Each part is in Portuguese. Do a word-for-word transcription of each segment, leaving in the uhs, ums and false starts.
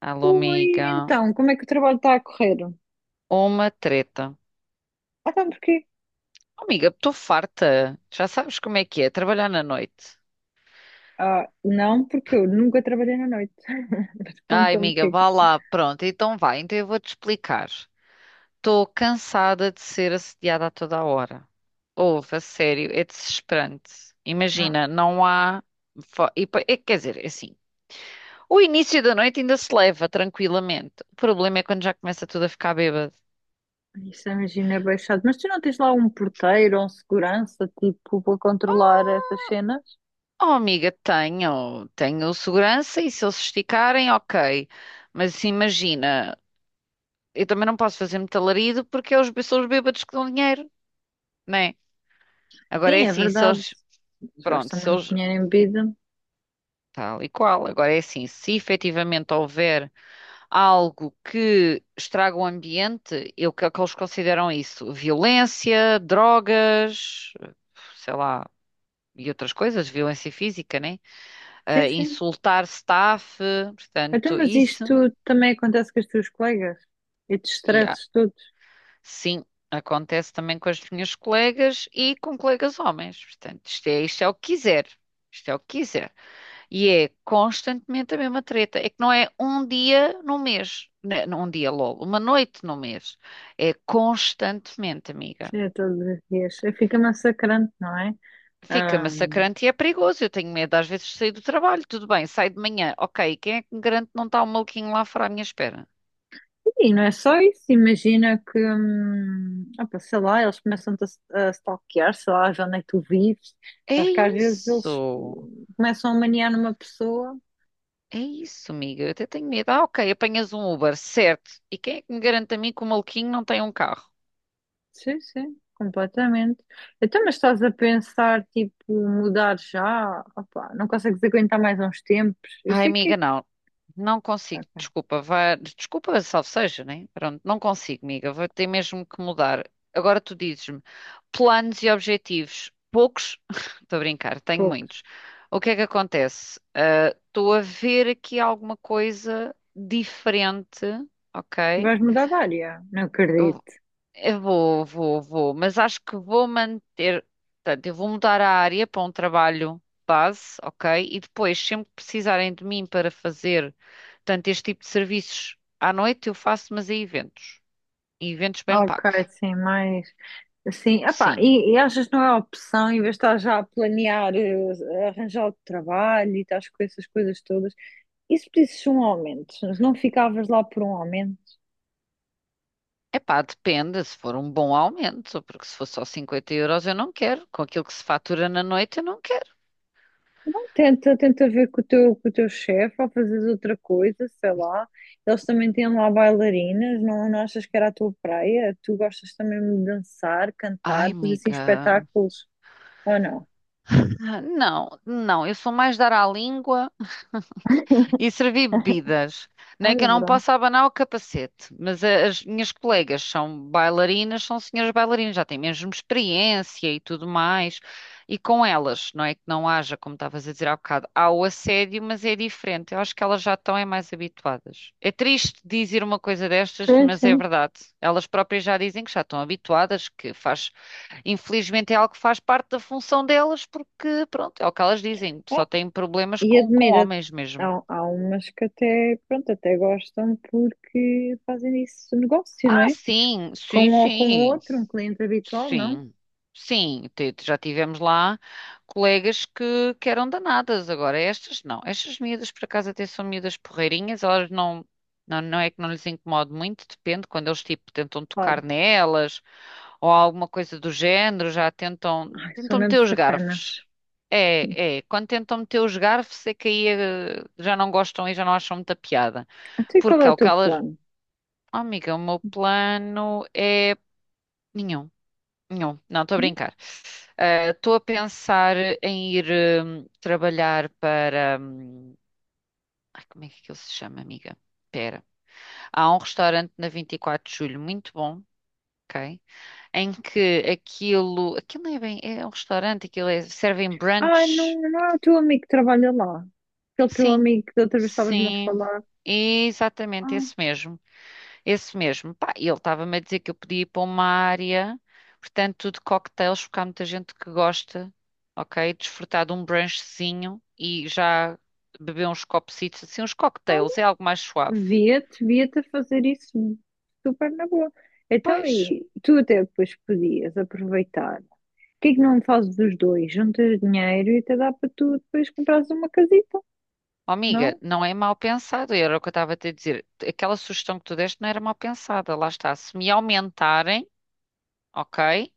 Alô, Oi, amiga. então, como é que o trabalho está a correr? Uma treta. Ah, então porquê? Oh, amiga, estou farta. Já sabes como é que é trabalhar na noite. Ah, não, porque eu nunca trabalhei na noite. Mas Ai, conta-me o amiga, vá lá. Pronto, então vai. Então eu vou-te explicar. Estou cansada de ser assediada a toda a hora. Ouve, a sério, é desesperante. Ah, Imagina, não há. fo- E, pa- é, quer dizer, é assim. O início da noite ainda se leva tranquilamente. O problema é quando já começa tudo a ficar bêbado. isso imagina é bem chato. Mas tu não tens lá um porteiro ou um segurança, tipo, para controlar essas cenas? Oh, amiga, tenho, tenho segurança e se eles se esticarem, ok. Mas assim, imagina, eu também não posso fazer muito alarido porque é os, são os bêbados que dão dinheiro, né? Agora Sim, é é assim, se verdade. eles, Eles pronto, gastam se muito eles, dinheiro em bebida. tal e qual, agora é assim, se efetivamente houver algo que estraga o ambiente, eu, que é que eles consideram isso? Violência, drogas, sei lá, e outras coisas, violência física, né? Sim, Ah, sim. insultar staff, Então, portanto, mas isso. isto também acontece com os teus colegas? E te E há- estresses todos? sim, acontece também com as minhas colegas e com colegas homens. Portanto, isto é, isto é o que quiser. Isto é o que quiser. E é constantemente a mesma treta. É que não é um dia no mês. Né, não Um dia logo, uma noite no mês. É constantemente, amiga. É, todos os dias. Fica massacrante, não é? Fica massacrante e é perigoso. Eu tenho medo às vezes de sair do trabalho. Tudo bem, saio de manhã. Ok, quem é que me garante que não está um maluquinho lá fora à minha espera? E não é só isso, imagina que, hum, opa, sei lá, eles começam-te a, a stalkear, sei lá, ver onde é que tu vives. É Acho que às vezes eles isso. hum, começam a maniar numa pessoa. É isso, amiga. Eu até tenho medo. Ah, ok, apanhas um Uber, certo. E quem é que me garante a mim que o maluquinho não tem um carro? Sim, sim, completamente. Então, mas estás a pensar, tipo, mudar já? Opa, não consegues aguentar mais uns tempos? Eu Ai, sei amiga, que, não. Não é. consigo. Ok, Desculpa, vá. Desculpa, salve seja, né? Pronto, não consigo, amiga. Vou ter mesmo que mudar. Agora tu dizes-me, planos e objetivos. Poucos? Estou a brincar, tenho poucos. muitos. O que é que acontece? Ah, Estou a ver aqui alguma coisa diferente, ok? Vais mudar de área? Não acredito. Eu vou, vou, vou, mas acho que vou manter. Portanto, eu vou mudar a área para um trabalho base, ok? E depois, sempre que precisarem de mim para fazer, tanto este tipo de serviços à noite, eu faço, mas a eventos. E eventos bem Ok, pagos. sim, mais. Sim, epá, Sim. e, e achas que não é opção, em vez de estar já a planear, eh, arranjar outro trabalho e estás com essas coisas todas, e se pedisses um aumento? Se não ficavas lá por um aumento? Epá, depende se for um bom aumento, porque se for só cinquenta euros eu não quero. Com aquilo que se fatura na noite eu não quero. Não, tenta, tenta ver com o teu, com o teu chefe ou fazes outra coisa, sei lá. Eles também têm lá bailarinas, não, não achas que era a tua praia? Tu gostas também de dançar, Ai, cantar, fazer assim amiga. espetáculos, ou não? Ah, Não, não, eu sou mais dar à língua. E servi bebidas. Não é que Olha, eu não pronto. posso abanar o capacete, mas a- as minhas colegas são bailarinas, são senhoras bailarinas, já têm mesmo experiência e tudo mais. E com elas, não é que não haja, como estavas a dizer há bocado, há o assédio, mas é diferente. Eu acho que elas já estão é mais habituadas. É triste dizer uma coisa destas, Sim, mas é sim. verdade. Elas próprias já dizem que já estão habituadas, que faz, infelizmente é algo que faz parte da função delas, porque pronto, é o que elas dizem, só têm problemas E com, com admira-te, homens mesmo. há, há umas que até, pronto, até gostam porque fazem disso negócio, não Ah, é? sim, Com sim, um ou com sim, outro, um cliente habitual, não? sim, sim. te- Já tivemos lá colegas que, que eram danadas. Agora, estas não. Estas miúdas, por acaso, até são miúdas porreirinhas. Elas não, não, não é que não lhes incomode muito, depende. Quando eles, tipo, tentam Claro. tocar nelas ou alguma coisa do género, já tentam, Ai, são tentam mesmo meter os sacanas. garfos. É, é. Quando tentam meter os garfos é que aí eh, já não gostam e já não acham muita piada. Até qual Porque é é o o que teu elas, plano? oh, amiga, o meu plano é nenhum, nenhum. Não, estou a brincar. Ah, estou a pensar em ir hum, trabalhar para. hum, ai, como é que ele se chama, amiga? Pera. Há um restaurante na vinte e quatro de Julho muito bom, ok? Em que aquilo. Aquilo não é bem. É um restaurante, aquilo é. Servem Ai, brunch? não, não é o teu amigo que trabalha lá. Aquele teu Sim, amigo que da outra vez estavas-me a sim, falar. exatamente Ah, esse mesmo. Esse mesmo. Pá, e ele estava-me a dizer que eu podia ir para uma área, portanto, de cocktails, porque há muita gente que gosta, ok? Desfrutar de um brunchzinho e já beber uns copecitos, assim, uns cocktails, é algo mais suave. via-te, via-te a fazer isso super na boa. Então, Pois, e tu até depois podias aproveitar. Porquê que não fazes os dois? Juntas dinheiro e até dá para tu depois comprares uma casita, ó amiga, não? não é mal pensado, era o que eu estava a te dizer. Aquela sugestão que tu deste não era mal pensada, lá está. Se me aumentarem, ok?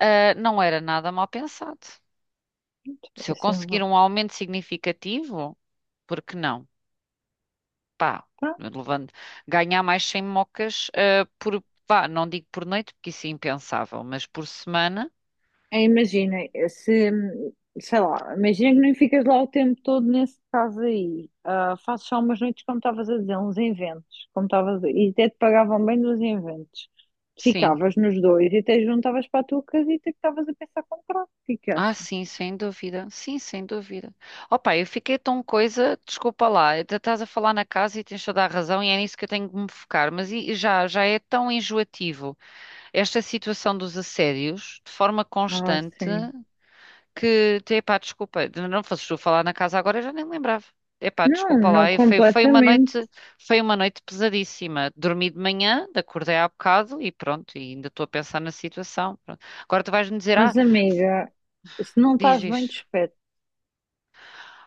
Ah, não era nada mal pensado. Se eu Assim, vá. conseguir um aumento significativo, por que não? Pá, Tá? levando, ganhar mais cem mocas, ah, por, pá, não digo por noite, porque isso é impensável, mas por semana, Aí imagina, é, se, sei lá, imagina que nem ficas lá o tempo todo nesse caso aí. Ah, fazes só umas noites, como estavas a dizer, uns inventos, como estavas a- e até te pagavam bem dos inventos. sim. Ficavas nos dois e até juntavas para a tua casita que estavas a pensar comprar. O que é que Ah, achas? sim, sem dúvida. Sim, sem dúvida. Opa, eu fiquei tão coisa, desculpa lá, ainda estás a falar na casa e tens toda a razão e é nisso que eu tenho que me focar, mas e- e já, já é tão enjoativo esta situação dos assédios, de forma Ah, constante. sim. Que, epá, desculpa, não fosses tu falar na casa agora, eu já nem me lembrava. Epá, Não, desculpa não lá, e foi, foi uma completamente. noite, foi uma noite pesadíssima. Dormi de manhã, acordei há bocado e pronto, e ainda estou a pensar na situação. Pronto. Agora tu vais-me dizer, Mas, ah, amiga, se não diz, estás bem dos. diz,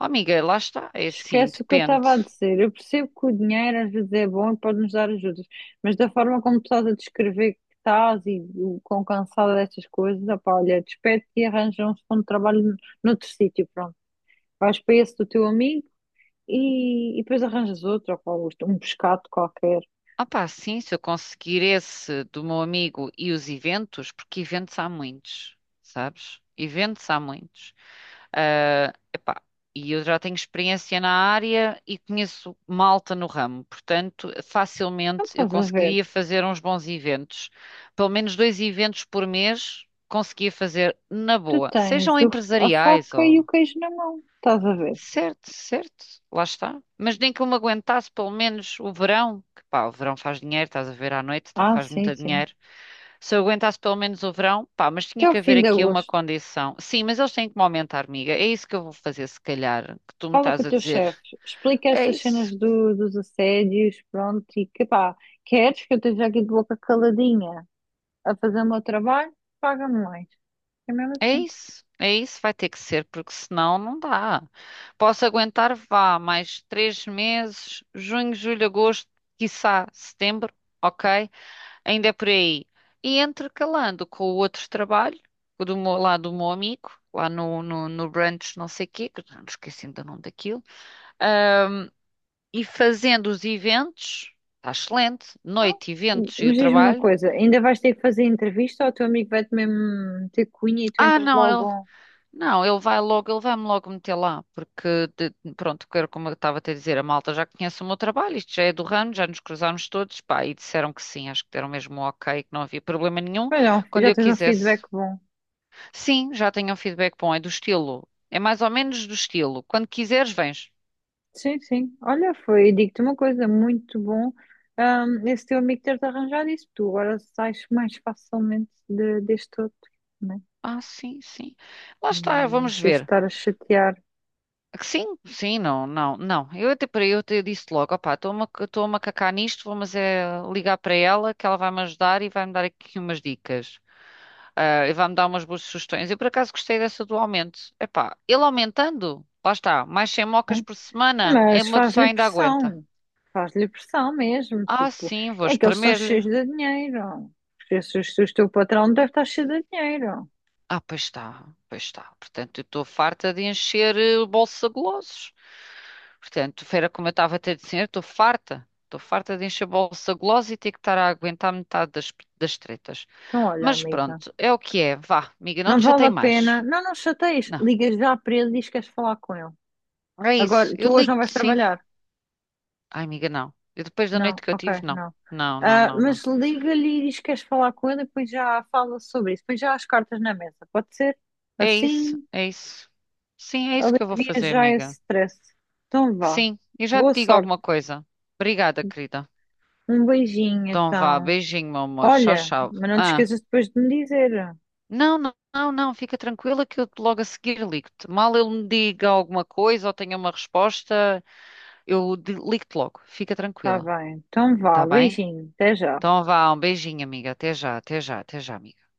oh, amiga, lá está, é assim, Esquece o que eu depende. estava a dizer. Eu percebo que o dinheiro às vezes é bom e pode-nos dar ajudas, mas da forma como tu estás a descrever que estás e o quão cansada destas coisas, opá, olha, despede-te e arranja um segundo trabalho noutro sítio, pronto. Vais para esse do teu amigo e, e depois arranjas outro, opá, isto, um pescado qualquer. Opá, sim, se eu conseguir esse do meu amigo e os eventos, porque eventos há muitos, sabes? Eventos há muitos. Ah, epá, e eu já tenho experiência na área e conheço malta no ramo, portanto, Não facilmente eu estás a ver? conseguiria fazer uns bons eventos. Pelo menos dois eventos por mês conseguia fazer na Tu boa, tens sejam o- a empresariais. faca e o queijo na mão, estás a ver? Certo, certo, lá está. Mas nem que eu me aguentasse pelo menos o verão, que pá, o verão faz dinheiro, estás a ver à noite, tá, Ah, faz sim, muito sim. dinheiro. Se eu aguentasse pelo menos o verão, pá, mas tinha Até o que haver fim de aqui uma agosto. condição. Sim, mas eles têm que me aumentar, amiga. É isso que eu vou fazer, se calhar, que tu me Fala com estás o a teu dizer. chefe, explica É estas cenas isso, do- dos assédios, pronto, e que pá, queres que eu esteja aqui de boca caladinha a fazer o meu trabalho? Paga-me mais. É mesmo é assim. isso, é isso, vai ter que ser, porque senão não dá. Posso aguentar, vá, mais três meses, junho, julho, agosto, quiçá setembro, ok? Ainda é por aí. E intercalando com o outro trabalho, o do meu, lá do meu amigo, lá no, no, no brunch não sei quê, que eu não me esqueci ainda o nome daquilo, ah, e fazendo os eventos, está excelente, Não? noite, eventos e o Mas diz-me uma trabalho. coisa, ainda vais ter que fazer entrevista ou o teu amigo vai-te mesmo ter cunha e tu Ah, entras não, ele, logo? não, ele vai logo, ele vai-me logo meter lá, porque, de- pronto, que era como eu estava a te dizer, a malta já conhece o meu trabalho, isto já é do ramo, já nos cruzámos todos, pá, e disseram que sim, acho que deram mesmo um ok, que não havia problema nenhum, Mas não, quando já eu tens um feedback quisesse. bom. Sim, já tenho um feedback bom, é do estilo. É mais ou menos do estilo. Quando quiseres, vens. Sim, sim. Olha, foi, digo-te uma coisa, muito bom, hum, esse teu amigo ter-te arranjado isso, tu agora sais mais facilmente de- deste outro, né? Ah, sim, sim. Lá está, Nem é vamos preciso ver. estar a chatear, Que sim, sim, não, não, não. Eu até para eu te disse logo, opá, estou-me a estou-me a cacar nisto, vou mas é ligar para ela que ela vai-me ajudar e vai-me dar aqui umas dicas. Ah, e vai-me dar umas boas sugestões. Eu por acaso gostei dessa do aumento. Epá, ele aumentando, lá está, mais cem mocas né? por semana, é Mas uma pessoa faz-lhe ainda aguenta. pressão, faz-lhe pressão mesmo, Ah, tipo, sim, vou é que eles estão espremer-lhe. cheios de dinheiro, porque se o o teu patrão deve estar cheio de dinheiro. Ah, pois está, pois está. Portanto, eu estou farta de encher eh, o bolso a golosos. Portanto, fera como eu estava a ter de dizer, estou farta. Estou farta de encher o bolso a golosos e ter que estar a aguentar metade das, das tretas. Então, olha, Mas amiga, pronto, é o que é. Vá, amiga, não não te vale chatei a pena, mais. não, não chateias, Não, ligas já para ele e diz que queres falar com ele. é isso. Agora, tu Eu hoje não vais ligo-te, sim. trabalhar? Ai, amiga, não. E depois da noite Não, que eu ok, tive, não. não. Não, não, Ah, não, não. mas liga-lhe e diz que queres falar com ele e depois já fala sobre isso, depois já há as cartas na mesa, pode ser? É isso, Assim? é isso. Sim, é isso que eu vou Alivia fazer, já esse amiga. stress. Então vá. Sim, eu já te Boa digo sorte. alguma coisa. Obrigada, querida. Um beijinho, Então vá, então. beijinho, meu amor. Tchau, Olha, tchau. mas não te Ah, esqueças depois de me dizer. não, não, não, não, fica tranquila que eu logo a seguir ligo-te. Mal ele me diga alguma coisa ou tenha uma resposta, eu de- ligo-te logo. Fica Tá tranquila, bem. Então tá vá, bem? beijinho. Até já. Então vá, um beijinho, amiga. Até já, até já, até já, amiga.